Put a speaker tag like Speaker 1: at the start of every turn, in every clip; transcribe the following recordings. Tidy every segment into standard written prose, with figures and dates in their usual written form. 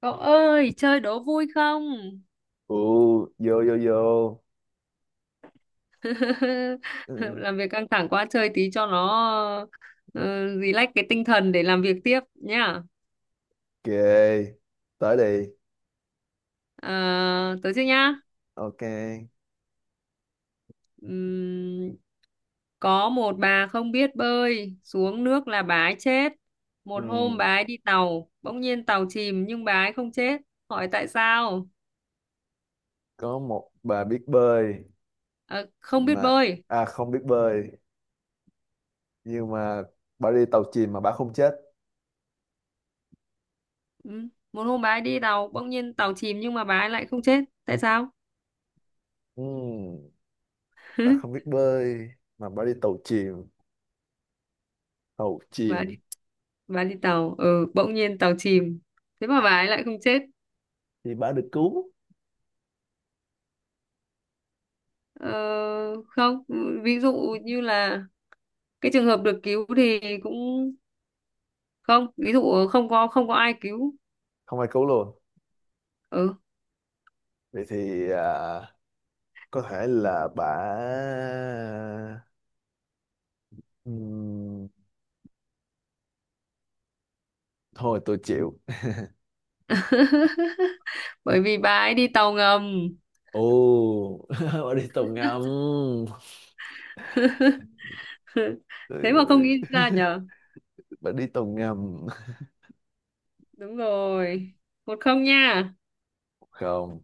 Speaker 1: Cậu ơi, chơi đố vui không?
Speaker 2: Ừ, vô vô vô. Ừ,
Speaker 1: Làm việc căng thẳng quá chơi tí cho nó uh, relax cái tinh thần để làm việc tiếp nhá.
Speaker 2: ok, tới đi.
Speaker 1: Ờ, tới chưa nhá.
Speaker 2: Ok.
Speaker 1: Ừm, có một bà không biết bơi, xuống nước là bà ấy chết. Một hôm bà
Speaker 2: Ừ,
Speaker 1: ấy đi tàu, bỗng nhiên tàu chìm nhưng bà ấy không chết. Hỏi tại sao?
Speaker 2: có một bà biết bơi
Speaker 1: Ờ, không biết
Speaker 2: mà
Speaker 1: bơi.
Speaker 2: không biết bơi, nhưng mà bà đi tàu chìm mà bà không chết.
Speaker 1: Một hôm bà ấy đi tàu, bỗng nhiên tàu chìm nhưng mà bà ấy lại không chết. Tại sao?
Speaker 2: Ừ, bà không biết bơi mà bà đi tàu
Speaker 1: Bà
Speaker 2: chìm
Speaker 1: ấy Bà đi tàu, ừ, bỗng nhiên tàu chìm. Thế mà bà ấy lại không chết.
Speaker 2: thì bà được cứu,
Speaker 1: Ờ, không, ví dụ như là cái trường hợp được cứu thì cũng không, ví dụ không có ai cứu.
Speaker 2: không ai cứu luôn.
Speaker 1: Ừ,
Speaker 2: Vậy thì có thể là bà, ừ, thôi tôi chịu.
Speaker 1: bởi vì bà ấy đi tàu ngầm.
Speaker 2: Ồ, bà đi tàu ngầm. Trời
Speaker 1: Thế mà không
Speaker 2: ơi,
Speaker 1: nghĩ ra nhở.
Speaker 2: bà đi tàu ngầm.
Speaker 1: Đúng rồi. Một không nha.
Speaker 2: Không,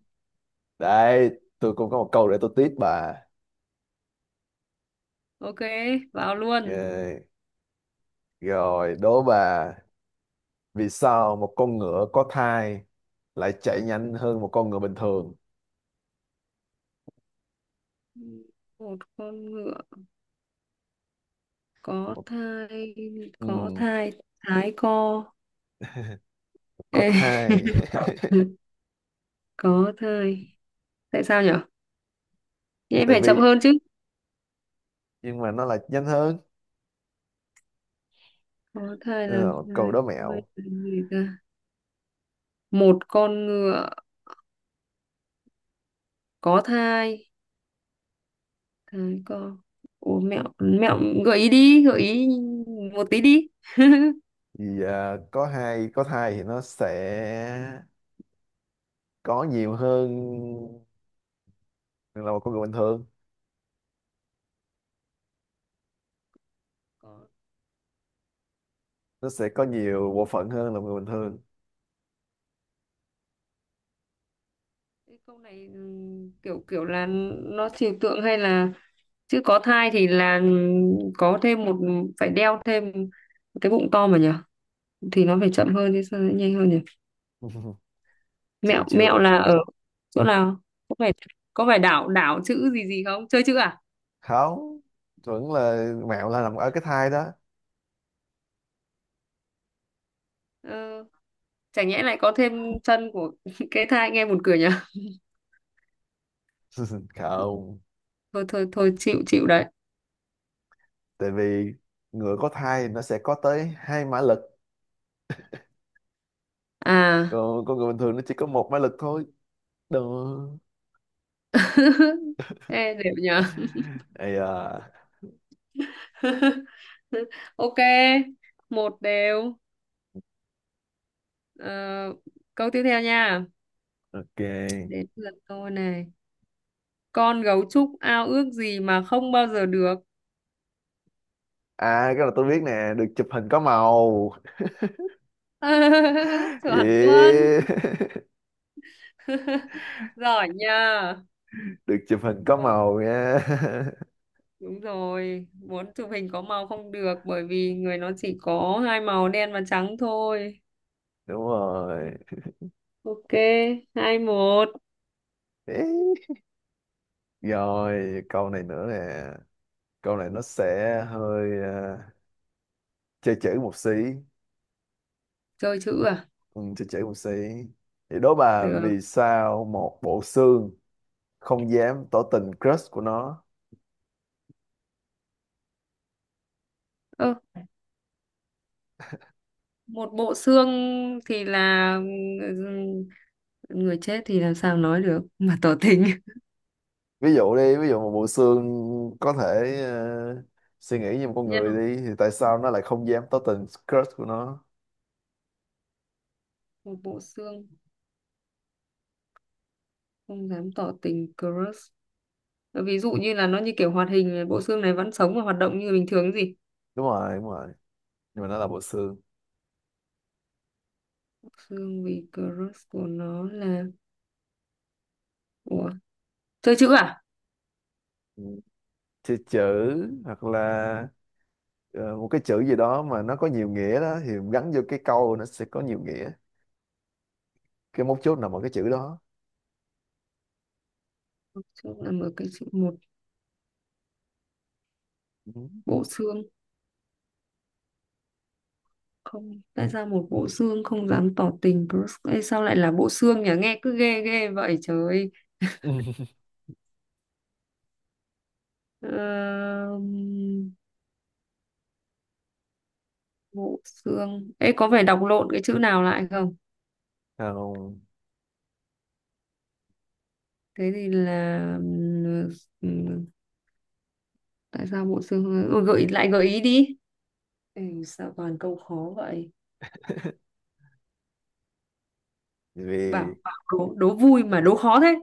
Speaker 2: đấy tôi cũng có một câu để tôi tiếp bà.
Speaker 1: Ok, vào luôn.
Speaker 2: Ok. Rồi đố bà: vì sao một con ngựa có thai lại chạy nhanh hơn một con ngựa bình thường?
Speaker 1: Một con ngựa có thai, có
Speaker 2: ừ,
Speaker 1: thai, thái co.
Speaker 2: có
Speaker 1: Ê,
Speaker 2: thai.
Speaker 1: có thai. Tại sao nhở? Thì em
Speaker 2: Tại
Speaker 1: phải
Speaker 2: vì,
Speaker 1: chậm hơn chứ.
Speaker 2: nhưng mà nó lại nhanh hơn.
Speaker 1: Có thai là
Speaker 2: Ờ, câu
Speaker 1: thai.
Speaker 2: đố
Speaker 1: Nuôi
Speaker 2: mẹo.
Speaker 1: là gì ta? Một con ngựa có thai. Thai con. Ủa mẹo, mẹo gợi ý đi, gợi ý một tí đi.
Speaker 2: Vì có thai thì nó sẽ có nhiều hơn là một con người bình thường,
Speaker 1: Có.
Speaker 2: nó sẽ có nhiều bộ phận hơn là một người bình thường.
Speaker 1: Cái câu này kiểu kiểu là nó trừu tượng hay là chữ có thai thì là có thêm một, phải đeo thêm cái bụng to mà nhỉ, thì nó phải chậm hơn chứ sao nó nhanh hơn nhỉ.
Speaker 2: Chịu
Speaker 1: Mẹo mẹo
Speaker 2: chưa?
Speaker 1: là ở chỗ nào? Có phải, có phải đảo đảo chữ gì gì không, chơi chữ à?
Speaker 2: Không. Thuận là mẹo là nằm ở cái thai đó.
Speaker 1: Ờ, chẳng nhẽ lại có thêm chân của cái thai nghe buồn cười nhỉ.
Speaker 2: Không,
Speaker 1: Thôi thôi thôi chịu chịu đấy.
Speaker 2: tại vì người có thai nó sẽ có tới 2 mã lực,
Speaker 1: À,
Speaker 2: còn con người bình thường nó chỉ có 1 mã lực thôi đó.
Speaker 1: ê đều nhờ.
Speaker 2: Ây da,
Speaker 1: Ok, một đều. Ờ, câu tiếp theo nha,
Speaker 2: ok.
Speaker 1: đến lượt tôi này. Con gấu trúc ao ước gì mà không bao giờ được?
Speaker 2: À, cái là tôi biết nè: được chụp hình có màu.
Speaker 1: Chuẩn luôn.
Speaker 2: Yeah.
Speaker 1: Giỏi nha.
Speaker 2: Được chụp hình có
Speaker 1: Ờ,
Speaker 2: màu nha.
Speaker 1: đúng rồi, muốn chụp hình có màu không được bởi vì người nó chỉ có hai màu đen và trắng thôi.
Speaker 2: Đúng rồi.
Speaker 1: Ok, hai một.
Speaker 2: Ý. Rồi câu này nữa nè, câu này nó sẽ hơi chơi chữ một xí.
Speaker 1: Chơi chữ à?
Speaker 2: Ừ, chị chỉ một xí, thì đố bà:
Speaker 1: Được.
Speaker 2: vì sao một bộ xương không dám tỏ tình crush của nó?
Speaker 1: Ơ, một bộ xương thì là, ừ, người chết thì làm sao nói được mà tỏ tình.
Speaker 2: Ví dụ đi, ví dụ một bộ xương có thể suy nghĩ như một con
Speaker 1: Nhân hoặc
Speaker 2: người đi, thì tại sao nó lại không dám tỏ tình crush của nó?
Speaker 1: một bộ xương không dám tỏ tình crush. Ờ, ví dụ như là nó như kiểu hoạt hình, bộ xương này vẫn sống và hoạt động như bình thường gì.
Speaker 2: Đúng rồi, đúng rồi, nhưng mà nó là bộ xương.
Speaker 1: Bộ xương vì crush của nó là của, chơi chữ à?
Speaker 2: Ừ. Chữ, chữ, hoặc là một cái chữ gì đó mà nó có nhiều nghĩa đó, thì gắn vô cái câu nó sẽ có nhiều nghĩa. Cái mấu chốt nằm ở cái chữ đó.
Speaker 1: Bộ là một cái chữ một,
Speaker 2: Ừ.
Speaker 1: bộ xương không, tại sao một bộ xương không dám tỏ tình crush? Ê, sao lại là bộ xương nhỉ, nghe cứ ghê ghê vậy trời. Ờ, bộ xương ấy có phải đọc lộn cái chữ nào lại không?
Speaker 2: Không,
Speaker 1: Thế thì là, ừ, tại sao bộ xương, ừ, gợi ý đi. Ừ, sao toàn câu khó vậy?
Speaker 2: vì
Speaker 1: Bảo bảo đố, đố vui mà đố khó thế.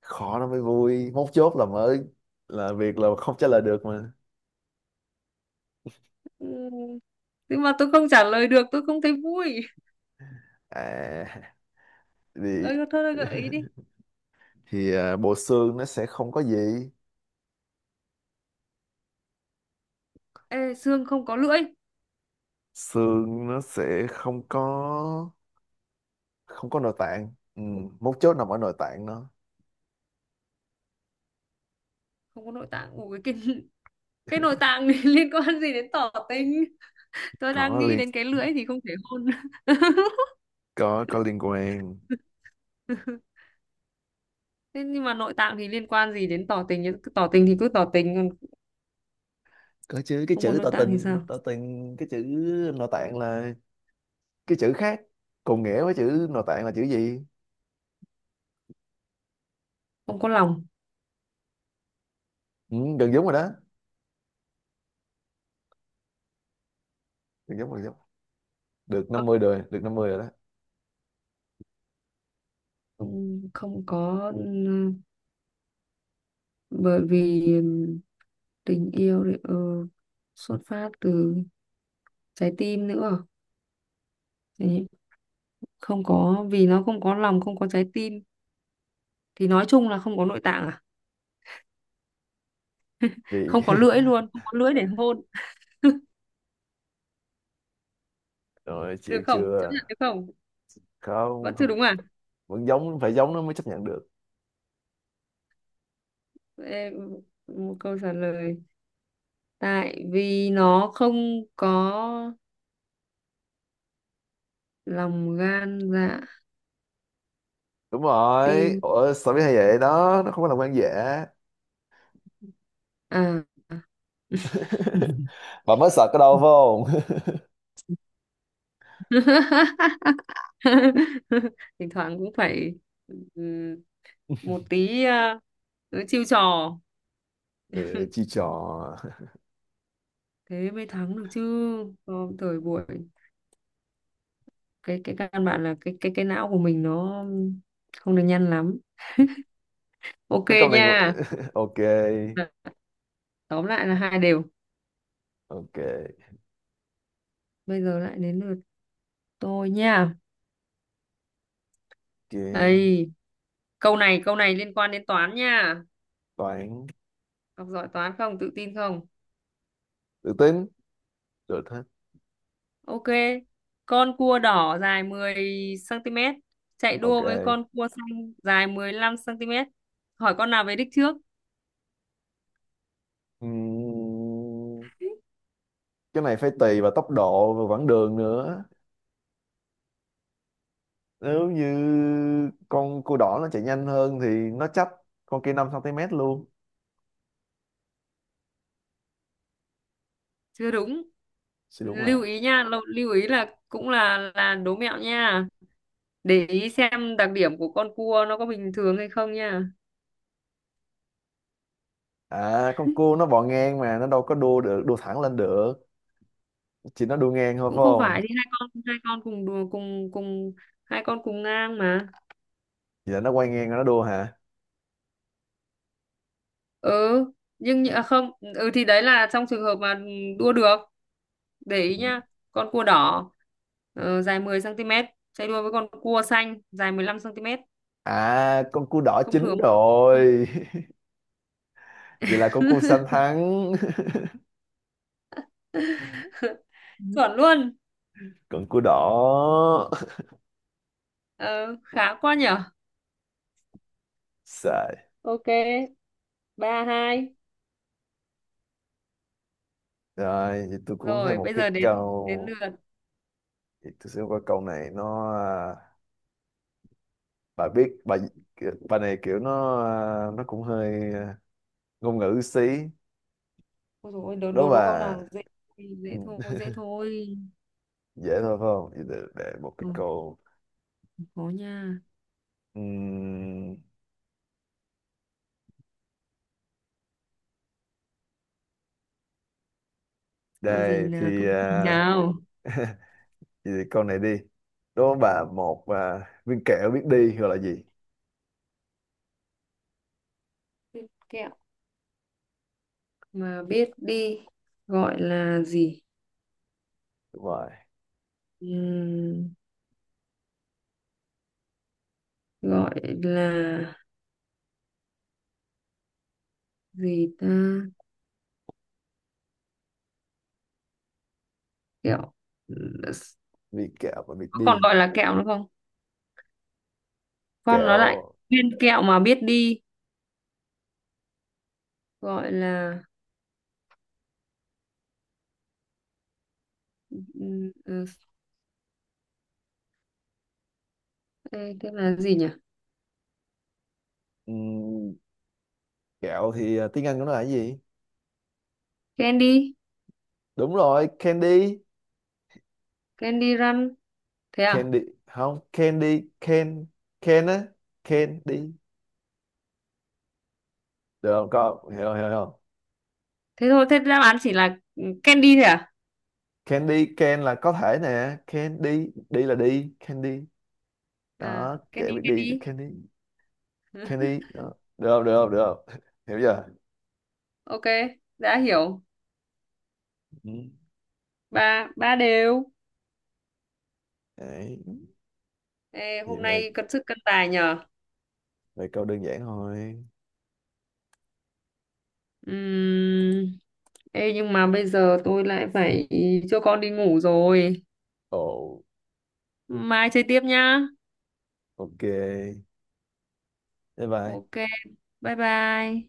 Speaker 2: khó nó mới vui, mốt chốt là mới là việc là không trả lời được mà.
Speaker 1: Ừ, nhưng mà tôi không trả lời được tôi không thấy vui.
Speaker 2: À thì
Speaker 1: Ơi, thôi thôi gợi ý đi.
Speaker 2: Bộ xương nó sẽ không có gì.
Speaker 1: Ê, xương không có lưỡi,
Speaker 2: Xương nó sẽ không có nội tạng. Ừ. Mấu chốt nằm ở nội tạng nó.
Speaker 1: không có nội tạng. Ủa, cái cái nội tạng này liên quan gì đến tỏ tình? Tôi đang
Speaker 2: có
Speaker 1: nghĩ
Speaker 2: liên
Speaker 1: đến cái lưỡi thì không thể hôn.
Speaker 2: có có liên quan.
Speaker 1: Thế nhưng mà nội tạng thì liên quan gì đến tỏ tình nhỉ? Cứ tỏ tình thì cứ tỏ tình, còn
Speaker 2: Có chứ, cái
Speaker 1: không có
Speaker 2: chữ
Speaker 1: nội
Speaker 2: tỏ
Speaker 1: tạng thì
Speaker 2: tình,
Speaker 1: sao?
Speaker 2: tỏ tình, cái chữ nội tạng là cái chữ khác. Cùng nghĩa với chữ nội tạng là chữ gì?
Speaker 1: Không có lòng.
Speaker 2: Ừ, gần giống rồi đó, gần giống gần giống, được 50 rồi, được 50 rồi đó.
Speaker 1: Không không có, bởi vì tình yêu thì ờ, xuất phát từ trái tim nữa. Thế nhỉ? Không có, vì nó không có lòng, không có trái tim, thì nói chung là không có nội tạng à,
Speaker 2: vì
Speaker 1: không có lưỡi luôn, không có lưỡi để hôn.
Speaker 2: Rồi, chịu
Speaker 1: Được không, chấp
Speaker 2: chưa?
Speaker 1: nhận được không?
Speaker 2: Không,
Speaker 1: Vẫn chưa
Speaker 2: không,
Speaker 1: đúng à?
Speaker 2: vẫn giống, phải giống nó mới chấp nhận được.
Speaker 1: Ê, một câu trả lời, tại vì nó không có lòng gan dạ.
Speaker 2: Đúng rồi,
Speaker 1: Đi
Speaker 2: ủa sao biết hay vậy đó, nó không phải là quan dễ.
Speaker 1: à?
Speaker 2: Bà mới sợ cái đâu phải không?
Speaker 1: Thỉnh thoảng cũng phải, ừm, một tí, à, ừ, chiêu trò,
Speaker 2: Ừ, chi trò
Speaker 1: thế mới thắng được chứ. Còn thời buổi, cái căn bản là cái não của mình nó không được nhanh lắm. Ok
Speaker 2: mấy câu này.
Speaker 1: nha.
Speaker 2: Ok,
Speaker 1: À, tóm lại là hai đều.
Speaker 2: ok,
Speaker 1: Bây giờ lại đến lượt tôi nha.
Speaker 2: ok.
Speaker 1: Đây, câu này, câu này liên quan đến toán nha.
Speaker 2: Toán.
Speaker 1: Học giỏi toán không, tự tin không?
Speaker 2: Tự tin. Được hết.
Speaker 1: Ok, con cua đỏ dài 10 cm chạy
Speaker 2: Ok.
Speaker 1: đua với con cua xanh dài 15 cm. Hỏi con nào về đích trước?
Speaker 2: Ừm, cái này phải tùy vào tốc độ và quãng đường nữa. Nếu như con cua đỏ nó chạy nhanh hơn thì nó chấp con kia 5 cm luôn,
Speaker 1: Chưa đúng.
Speaker 2: sẽ đúng à?
Speaker 1: Lưu ý nha, lưu lưu ý là cũng là đố mẹo nha. Để ý xem đặc điểm của con cua nó có bình thường hay không nha.
Speaker 2: À, con cua nó bò ngang mà nó đâu có đua được, đua thẳng lên được, chỉ nó đua ngang thôi
Speaker 1: Cũng
Speaker 2: phải
Speaker 1: không
Speaker 2: không?
Speaker 1: phải, thì hai con cùng cùng hai con cùng ngang mà.
Speaker 2: Vậy là nó quay ngang rồi nó đua hả?
Speaker 1: Ừ, à, không, ừ thì đấy là trong trường hợp mà đua được. Để ý
Speaker 2: Ừ.
Speaker 1: nhá, con cua đỏ ờ, dài 10 cm chạy đua với con cua xanh dài 15 cm.
Speaker 2: À, con cua đỏ
Speaker 1: Không
Speaker 2: chín
Speaker 1: thường. Không.
Speaker 2: rồi. Vậy là con cua xanh thắng.
Speaker 1: Chuẩn luôn.
Speaker 2: Con cua đỏ.
Speaker 1: Ờ, khá quá nhở.
Speaker 2: Xài.
Speaker 1: Ok, ba hai.
Speaker 2: Rồi vậy tôi cũng thêm
Speaker 1: Rồi
Speaker 2: một
Speaker 1: bây
Speaker 2: cái
Speaker 1: giờ đến đến
Speaker 2: câu,
Speaker 1: lượt.
Speaker 2: vậy tôi sẽ qua câu này nó bà biết bà này kiểu nó nó cũng hơi ngôn ngữ xí,
Speaker 1: Ôi dồi ôi, đố
Speaker 2: đó
Speaker 1: đố đố câu
Speaker 2: bà.
Speaker 1: nào dễ.
Speaker 2: Ừ.
Speaker 1: dễ thôi dễ thôi
Speaker 2: Dễ thôi phải không, vậy để một
Speaker 1: Ừ,
Speaker 2: cái câu.
Speaker 1: khó nha.
Speaker 2: Ừm,
Speaker 1: câu gì
Speaker 2: đây
Speaker 1: nào
Speaker 2: thì
Speaker 1: câu gì nào
Speaker 2: thì con này đi, đúng bà một viên kẹo biết đi gọi là gì?
Speaker 1: Kẹo mà biết đi gọi là gì?
Speaker 2: Đúng rồi,
Speaker 1: Ừm, gọi là gì ta? Kẹo,
Speaker 2: viên kẹo mà biết
Speaker 1: còn
Speaker 2: đi.
Speaker 1: gọi là kẹo nữa không? Con nó lại,
Speaker 2: Kẹo.
Speaker 1: viên kẹo mà biết đi gọi là, ừ, thế thế là gì nhỉ?
Speaker 2: Ừm, kẹo thì tiếng Anh của nó là cái gì?
Speaker 1: Candy.
Speaker 2: Đúng rồi, candy.
Speaker 1: Candy run, thế à?
Speaker 2: Candy không, candy can, can á, candy. Được không, con hiểu hiểu không?
Speaker 1: Thế thôi, thế đáp án chỉ là ừ, candy thôi à?
Speaker 2: Candy can là có thể nè, candy đi là đi candy,
Speaker 1: À,
Speaker 2: đó kẹo
Speaker 1: candy
Speaker 2: biết đi
Speaker 1: candy
Speaker 2: candy. Candy đó. Được không? Được không? Được không? Hiểu chưa?
Speaker 1: Ok, đã hiểu.
Speaker 2: Ừ.
Speaker 1: Ba ba đều.
Speaker 2: Đấy.
Speaker 1: Ê,
Speaker 2: Vậy,
Speaker 1: hôm
Speaker 2: mày
Speaker 1: nay cân sức cân tài nhờ.
Speaker 2: mày câu đơn giản thôi.
Speaker 1: Ừm, Ê, nhưng mà bây giờ tôi lại phải cho con đi ngủ rồi.
Speaker 2: Ồ,
Speaker 1: Mai chơi tiếp nhá.
Speaker 2: ok. Bye bye.
Speaker 1: Ok, bye bye.